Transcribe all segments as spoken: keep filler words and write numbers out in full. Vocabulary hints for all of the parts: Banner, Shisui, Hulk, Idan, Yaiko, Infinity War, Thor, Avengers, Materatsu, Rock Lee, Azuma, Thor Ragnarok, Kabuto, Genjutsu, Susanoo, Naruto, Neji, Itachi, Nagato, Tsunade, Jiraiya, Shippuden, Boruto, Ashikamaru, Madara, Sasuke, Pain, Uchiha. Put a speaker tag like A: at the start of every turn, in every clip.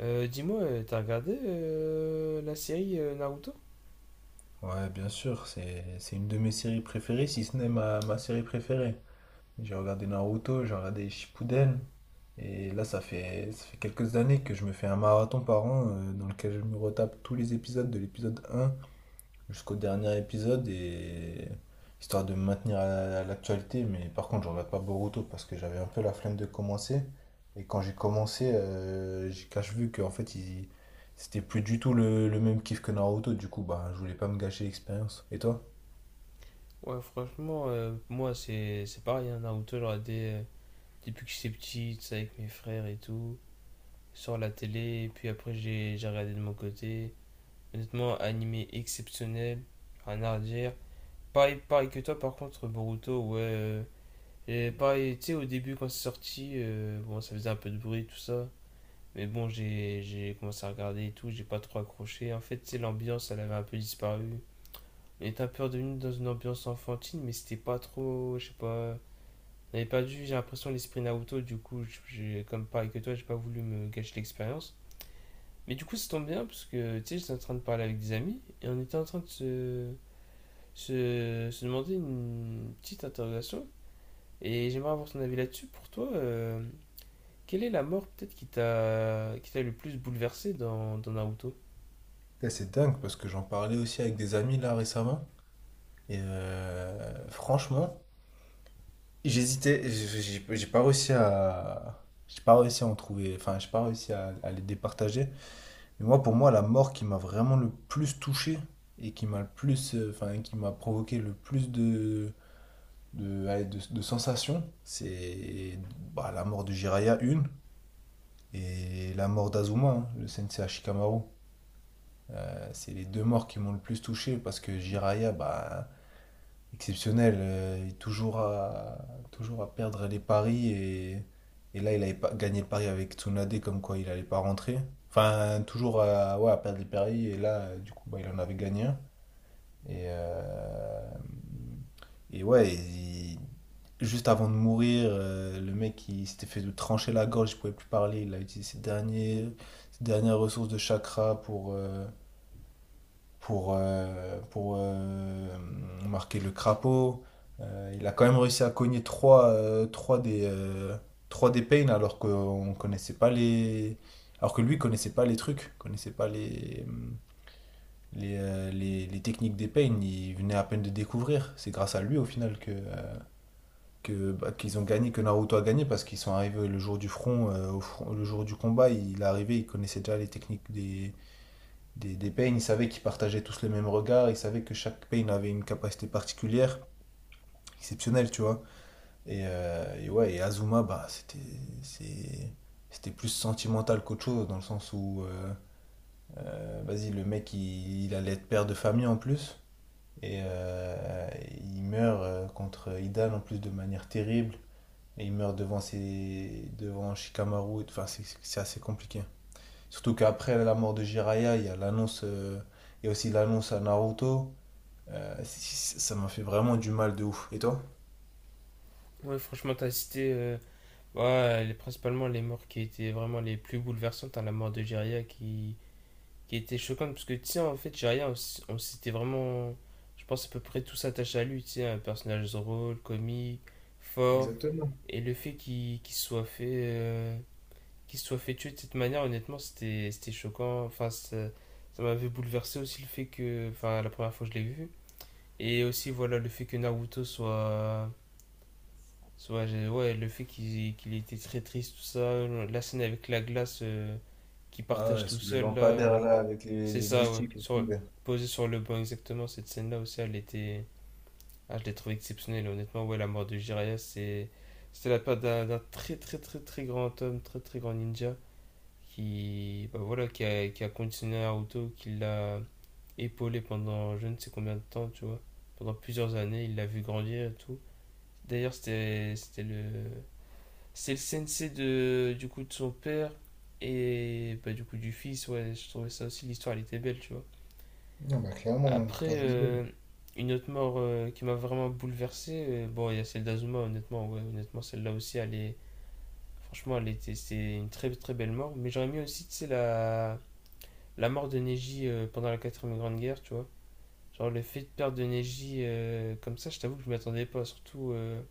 A: Euh, dis-moi, euh, t'as regardé euh, la série euh, Naruto?
B: Ouais, bien sûr, c'est c'est une de mes séries préférées, si ce n'est ma, ma série préférée. J'ai regardé Naruto, j'ai regardé Shippuden, et là, ça fait, ça fait quelques années que je me fais un marathon par an, euh, dans lequel je me retape tous les épisodes de l'épisode un jusqu'au dernier épisode, et histoire de me maintenir à à l'actualité. Mais par contre, je regarde pas Boruto parce que j'avais un peu la flemme de commencer. Et quand j'ai commencé, euh, j'ai cache vu qu'en fait, il... c'était plus du tout le, le même kiff que Naruto. Du coup, bah, je voulais pas me gâcher l'expérience. Et toi?
A: Ouais, franchement, euh, moi c'est c'est pareil, hein, Naruto, j'ai regardé euh, depuis que j'étais petit, tu sais, avec mes frères et tout, sur la télé, et puis après j'ai j'ai regardé de mon côté. Honnêtement, animé exceptionnel, rien à redire. Pareil, pareil que toi, par contre, Boruto, ouais. Euh, et pareil, tu sais, au début quand c'est sorti, euh, bon, ça faisait un peu de bruit, tout ça. Mais bon, j'ai j'ai commencé à regarder et tout, j'ai pas trop accroché. En fait, tu sais, l'ambiance, elle avait un peu disparu. Il était un peu redevenu dans une ambiance enfantine, mais c'était pas trop, je sais pas. On avait perdu, j'ai l'impression, l'esprit Naruto, du coup, j'ai, comme pareil que toi, j'ai pas voulu me gâcher l'expérience. Mais du coup, ça tombe bien, parce que, tu sais, j'étais en train de parler avec des amis, et on était en train de se, se, se demander une petite interrogation, et j'aimerais avoir ton avis là-dessus. Pour toi, euh, quelle est la mort, peut-être, qui t'a, qui t'a le plus bouleversé dans, dans Naruto?
B: Putain, c'est dingue parce que j'en parlais aussi avec des amis là récemment. Et euh, franchement, j'hésitais. J'ai j'ai- j'ai pas réussi à. J'ai pas réussi à en trouver. Enfin, j'ai pas réussi à, à les départager. Et moi, pour moi, la mort qui m'a vraiment le plus touché et qui m'a le plus, euh, enfin, qui m'a provoqué le plus de, de, ouais, de- de sensations, c'est bah, la mort de Jiraiya, une, et la mort d'Azuma, hein, le sensei Ashikamaru. Euh, c'est les deux morts qui m'ont le plus touché parce que Jiraiya, bah, exceptionnel, euh, et toujours à, toujours à perdre les paris, et, et là il avait pas gagné le pari avec Tsunade comme quoi il allait pas rentrer. Enfin toujours à, ouais, à perdre les paris et là, euh, du coup bah, il en avait gagné un. Et, euh, et ouais, il- juste avant de mourir, euh, le mec il s'était fait trancher la gorge, il pouvait plus parler, il a utilisé ses derniers, ses dernières ressources de chakra pour, euh, pour, euh, pour euh, marquer le crapaud. Euh, il a quand même réussi à cogner trois, euh, trois des, euh, trois des Pain alors qu'on connaissait pas les. Alors que lui connaissait pas les trucs, connaissait pas les, les, euh, les, les techniques des Pain, il venait à peine de découvrir. C'est grâce à lui au final que, euh, que, bah, qu'ils ont gagné, que Naruto a gagné parce qu'ils sont arrivés le jour du front, euh, au front- le jour du combat, il est arrivé, il connaissait déjà les techniques des, des, des peines, ils savaient qu'ils partageaient tous le même regard, ils savaient que chaque peine avait une capacité particulière, exceptionnelle, tu vois. Et, euh, et ouais, et Azuma, bah, c'était, c'est, c'était plus sentimental qu'autre chose, dans le sens où, euh, euh, vas-y, le mec, il, il allait être père de famille en plus, et euh, il meurt, euh, contre Idan en plus, de manière terrible, et il meurt devant, ses, devant Shikamaru, enfin, c'est, c'est assez compliqué. Surtout qu'après la mort de Jiraiya, il y a l'annonce, euh, il y a aussi l'annonce à Naruto. Euh, c- ça m'a fait vraiment du mal de ouf. Et toi?
A: Ouais, franchement, t'as cité. euh, Ouais, les- principalement les morts qui étaient vraiment les plus bouleversantes, à la mort de Jiraiya qui, qui était choquante, parce que tu sais, en fait, Jiraiya, on, s- on s'était vraiment, je pense, à peu près tous attachés à lui, tu sais, un personnage drôle, comique, fort, et le fait qu'il qu'il soit fait, euh, qu'il soit fait tuer de cette manière, honnêtement, c'était c'était choquant, enfin, ça, ça m'avait bouleversé aussi le fait que, enfin, la première fois que je l'ai vu, et aussi, voilà, le fait que Naruto soit ouais, ouais, le fait qu'il qu'il était très triste, tout ça, la scène avec la glace euh, qu'il
B: Ah
A: partage
B: ouais,
A: tout
B: sous le
A: seul, là,
B: lampadaire là, avec les,
A: c'est
B: les
A: ça, ouais,
B: moustiques, laisse
A: sur,
B: tomber.
A: posé sur le banc, exactement, cette scène-là aussi, elle était, ah, je l'ai trouvée exceptionnelle, honnêtement, ouais, la mort de Jiraiya, c'est, c'était la part d'un d'un très, très, très, très grand homme, très, très grand ninja, qui, bah, voilà, qui a, qui a conditionné Naruto, qui l'a épaulé pendant je ne sais combien de temps, tu vois, pendant plusieurs années, il l'a vu grandir et tout, d'ailleurs, c'était, c'était le c'est le sensei de, du coup, de son père et bah, du coup du fils. Ouais, je trouvais ça aussi, l'histoire, elle était belle, tu vois.
B: Non, bah clairement,
A: Après,
B: l'histoire elle est belle.
A: euh, une autre mort euh, qui m'a vraiment bouleversé, euh, bon, il y a celle d'Azuma, honnêtement. Ouais, honnêtement, celle-là aussi, elle est... Franchement, elle était, c'est une très très belle mort. Mais j'aurais mis aussi, tu sais, la... la mort de Neji euh, pendant la quatrième grande guerre, tu vois. Genre le fait de perdre de Neji euh, comme ça, je t'avoue que je m'y attendais pas, surtout euh,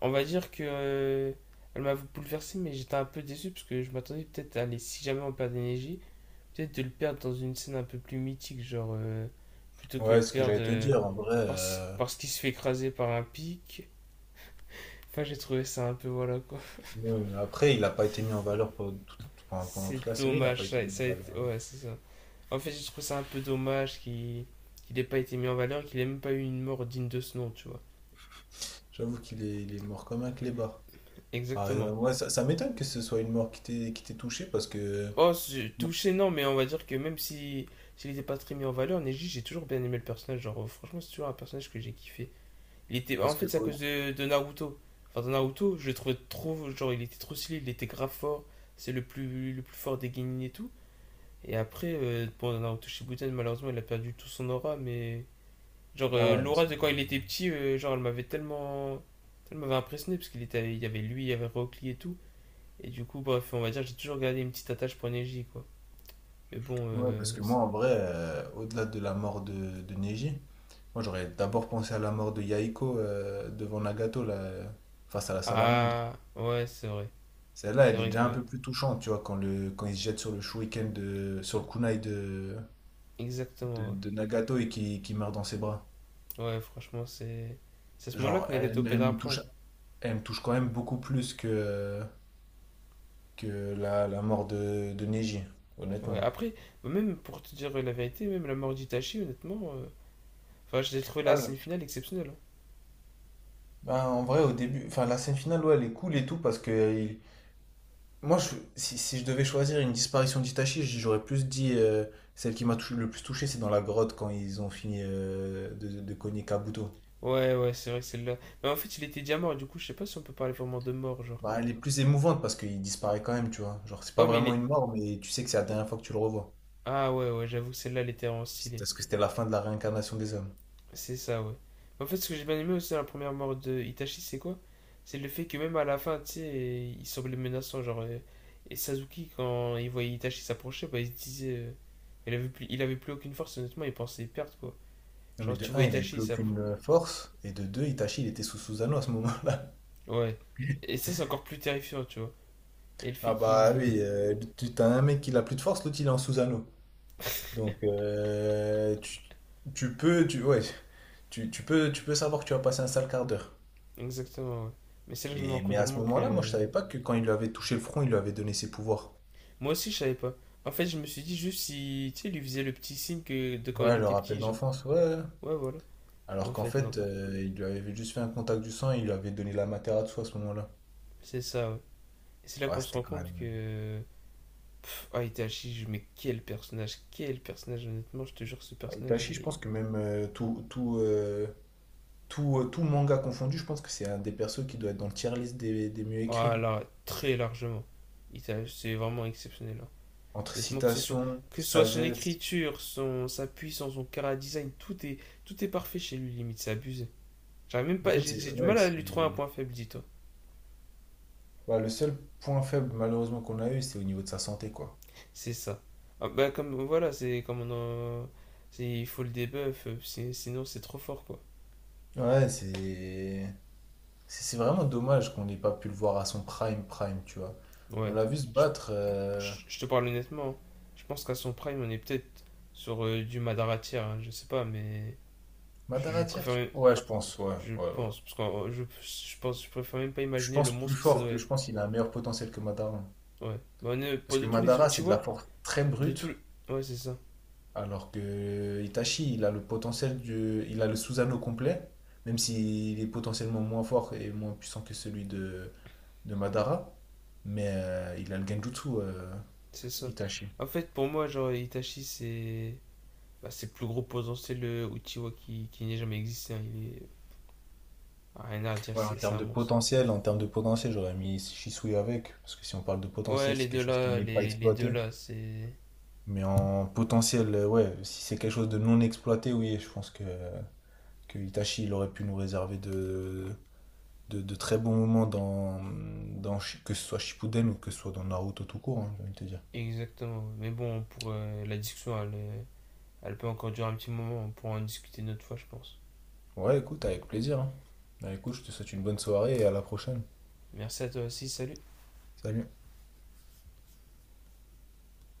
A: on va dire que euh, elle m'a bouleversé, mais j'étais un peu déçu parce que je m'attendais peut-être à aller, si jamais on perd d'énergie, peut-être de le perdre dans une scène un peu plus mythique, genre euh, plutôt que
B: Ouais,
A: le
B: c'est ce que
A: perdre
B: j'allais te
A: euh,
B: dire, en vrai.
A: parce,
B: euh,
A: parce qu'il se fait écraser par un pic. Enfin, j'ai trouvé ça un peu voilà quoi.
B: ouais, après, il n'a pas été mis en valeur pendant, tout- pendant- pendant
A: C'est
B: toute la série, il n'a pas
A: dommage,
B: été
A: ça,
B: mis
A: ça a
B: en
A: été.
B: valeur. Ouais.
A: Ouais, c'est ça. En fait, j'ai trouvé ça un peu dommage qu'il qu'il ait pas été mis en valeur, qu'il ait même pas eu une mort digne de ce nom, tu vois.
B: J'avoue qu'il est, il est mort comme un clébard. Ah,
A: Exactement.
B: euh, ouais, ça, ça m'étonne que ce soit une mort qui t'ait qui t'ait touché parce que.
A: Oh, c'est- touché, non, mais on va dire que même si s'il n'était pas très mis en valeur, Neji, j'ai toujours bien aimé le personnage. Genre, euh, franchement, c'est toujours un personnage que j'ai kiffé. Il était,
B: Parce
A: en
B: que.
A: fait, c'est à cause
B: Oh,
A: de, de Naruto. Enfin, dans Naruto, je le trouvais trop, genre, il était trop stylé, il était grave fort. C'est le plus, le plus fort des Genin et tout. Et après, euh, bon, dans Naruto Shippuden, malheureusement, il a perdu tout son aura, mais genre euh,
B: ah, ouais,
A: l'aura
B: c'est-
A: de quand il était petit, euh, genre elle m'avait tellement, elle m'avait impressionné parce qu'il était, il y avait lui, il y avait Rock Lee et tout. Et du coup, bref, on va dire, j'ai toujours gardé une petite attache pour Neji, quoi. Mais bon,
B: ouais,
A: euh,
B: parce que moi, en vrai, euh, au-delà de la mort de, de Neji, moi, j'aurais d'abord pensé à la mort de Yaiko, euh, devant Nagato, là, euh, face à la salamandre.
A: ah ouais, c'est vrai,
B: Celle-là,
A: c'est
B: elle est
A: vrai que
B: déjà un
A: ouais,
B: peu plus touchante, tu vois, quand, le, quand il se jette sur le shuriken de, sur le kunai de, de,
A: exactement ouais.
B: de Nagato et qui, qui meurt dans ses bras.
A: Ouais, franchement, c'est c'est à ce moment-là
B: Genre,
A: que Nagato
B: elle,
A: pète
B: elle
A: un
B: me
A: plomb.
B: touche, elle me touche quand même beaucoup plus que, que la, la mort de, de Neji,
A: Ouais.
B: honnêtement.
A: Après, bah, même pour te dire la vérité, même la mort d'Itachi, honnêtement, euh, enfin, j'ai trouvé
B: Ah,
A: la
B: le-
A: scène finale exceptionnelle, hein.
B: bah, en vrai, au début, enfin, la scène finale, ouais, elle est cool et tout parce qu'il... Moi, je- si, si je devais choisir une disparition d'Itachi, j- j'aurais plus dit, euh, celle qui m'a tou- le plus touché, c'est dans la grotte quand ils ont fini, euh, de, de cogner Kabuto.
A: Ouais, ouais, c'est vrai que celle-là. Mais en fait, il était déjà mort, du coup, je sais pas si on peut parler vraiment de mort, genre.
B: Bah, elle est plus émouvante parce qu'il disparaît quand même, tu vois. Genre, c'est pas
A: Ouais, mais il
B: vraiment
A: est.
B: une mort, mais tu sais que c'est la
A: Oh,
B: dernière fois que tu le revois.
A: ah ouais, ouais, j'avoue que celle-là, elle était vraiment
B: C'est
A: stylée.
B: parce que c'était la fin de la réincarnation des hommes.
A: C'est ça, ouais. En fait, ce que j'ai bien aimé aussi dans la première mort de Itachi, c'est quoi? C'est le fait que même à la fin, tu sais, il semblait menaçant. Genre, euh, et Sasuke, quand il voyait Itachi s'approcher, bah, il se disait. Euh, il avait plus, il avait plus aucune force, honnêtement, il pensait perdre, quoi.
B: Non, mais
A: Genre,
B: de
A: tu vois
B: un, il avait
A: Itachi,
B: plus
A: ça.
B: aucune euh, force, et de deux, Itachi, il était sous Susanoo à ce moment-là.
A: Ouais. Et ça, c'est encore plus terrifiant, tu vois. Et le fait
B: Ah bah
A: qu'il.
B: oui, euh, tu t'as un mec qui n'a plus de force, l'autre il est en Susanoo. Donc, euh, tu, tu peux, tu, ouais, tu, tu peux, tu peux savoir que tu vas passer un sale quart d'heure.
A: Exactement, ouais. Mais c'est là que je me rends
B: Et, mais
A: compte
B: à ce
A: vraiment
B: moment-là, moi,
A: que.
B: je savais pas que quand il lui avait touché le front, il lui avait donné ses pouvoirs.
A: Moi aussi, je savais pas. En fait, je me suis dit juste si. Tu sais, il lui faisait le petit signe que de quand il
B: Ouais, le
A: était
B: rappel
A: petit, genre.
B: d'enfance, ouais.
A: Ouais, voilà. Mais
B: Alors
A: en
B: qu'en
A: fait, non.
B: fait, euh, il lui avait juste fait un contact du sang et il lui avait donné la Materatsu à ce moment-là.
A: C'est ça, ouais. C'est là
B: Ouais,
A: qu'on se
B: c'était
A: rend
B: quand
A: compte
B: même.
A: que. Ah, Itachi, mais quel personnage, quel personnage, honnêtement, je te jure, ce
B: Ouais,
A: personnage,
B: Itachi,
A: il
B: je
A: est.
B: pense que même, euh, tout, tout, euh, tout, euh, tout manga confondu, je pense que c'est un des persos qui doit être dans le tier list des, des mieux écrits,
A: Ah
B: hein.
A: là, très largement. Itachi, c'est vraiment exceptionnel, hein.
B: Entre
A: Honnêtement, que ce soit.
B: citation,
A: Que ce soit son
B: sagesse.
A: écriture, son, sa puissance, son cara design, tout est, tout est parfait chez lui, limite, c'est abusé. J'arrive même
B: En
A: pas,
B: fait,
A: j'ai
B: c'est
A: j'ai du
B: ouais,
A: mal à
B: c'est-
A: lui trouver un point faible, dis-toi.
B: ouais, le seul point faible malheureusement qu'on a eu, c'est au niveau de sa santé, quoi.
A: C'est ça. Ah, bah, comme, voilà, c'est comme on en- c'est- Il faut le debuff, euh, c'est- sinon c'est trop fort, quoi.
B: Ouais, c'est c'est c'est vraiment dommage qu'on n'ait pas pu le voir à son prime prime, tu vois. On
A: Ouais.
B: l'a vu se
A: Je
B: battre euh...
A: Je je te parle honnêtement, hein. Je pense qu'à son prime, on est peut-être sur euh, du Madaratia, hein, je sais pas, mais je, je
B: Madara tier
A: préfère.
B: tu
A: même-
B: vois. Ouais, je pense, ouais,
A: Je
B: ouais, ouais.
A: pense, parce que euh, je, je pense, je préfère même pas
B: Je
A: imaginer le
B: pense plus
A: monstre que ça
B: fort,
A: doit
B: que je
A: être.
B: pense qu'il a un meilleur potentiel que Madara.
A: Ouais. Bah, on est,
B: Parce
A: pour de
B: que
A: tous les
B: Madara, c'est de la
A: Uchiwa,
B: force très
A: de tout
B: brute,
A: le- ouais, c'est ça.
B: alors que Itachi, il a le potentiel du, il a le Susanoo complet, même s'il est potentiellement moins fort et moins puissant que celui de, de Madara, mais euh, il a le Genjutsu, euh,
A: C'est ça.
B: Itachi.
A: En fait, pour moi, genre, Itachi, c'est. Bah, c'est le plus gros potentiel le Uchiwa qui, qui n'ait jamais existé, hein. Il est. Ah, rien à dire,
B: Ouais, en
A: c'est c'est
B: termes
A: un
B: de
A: monstre.
B: potentiel, en termes de potentiel, j'aurais mis Shisui avec, parce que si on parle de
A: Ouais,
B: potentiel,
A: les
B: c'est quelque
A: deux
B: chose qui
A: là,
B: n'est pas
A: les, les deux
B: exploité.
A: là, c'est.
B: Mais en potentiel, euh, ouais, si c'est quelque chose de non exploité, oui, je pense que, que Itachi, il aurait pu nous réserver de, de, de très bons moments dans, dans que ce soit Shippuden ou que ce soit dans Naruto tout court, hein, j'ai envie de te dire.
A: Exactement, ouais. Mais bon, pour euh, la discussion, elle est- elle peut encore durer un petit moment, on pourra en discuter une autre fois, je pense.
B: Ouais, écoute, avec plaisir, hein. Bah, écoute, je te souhaite une bonne soirée et à la prochaine.
A: Merci à toi aussi, salut.
B: Salut.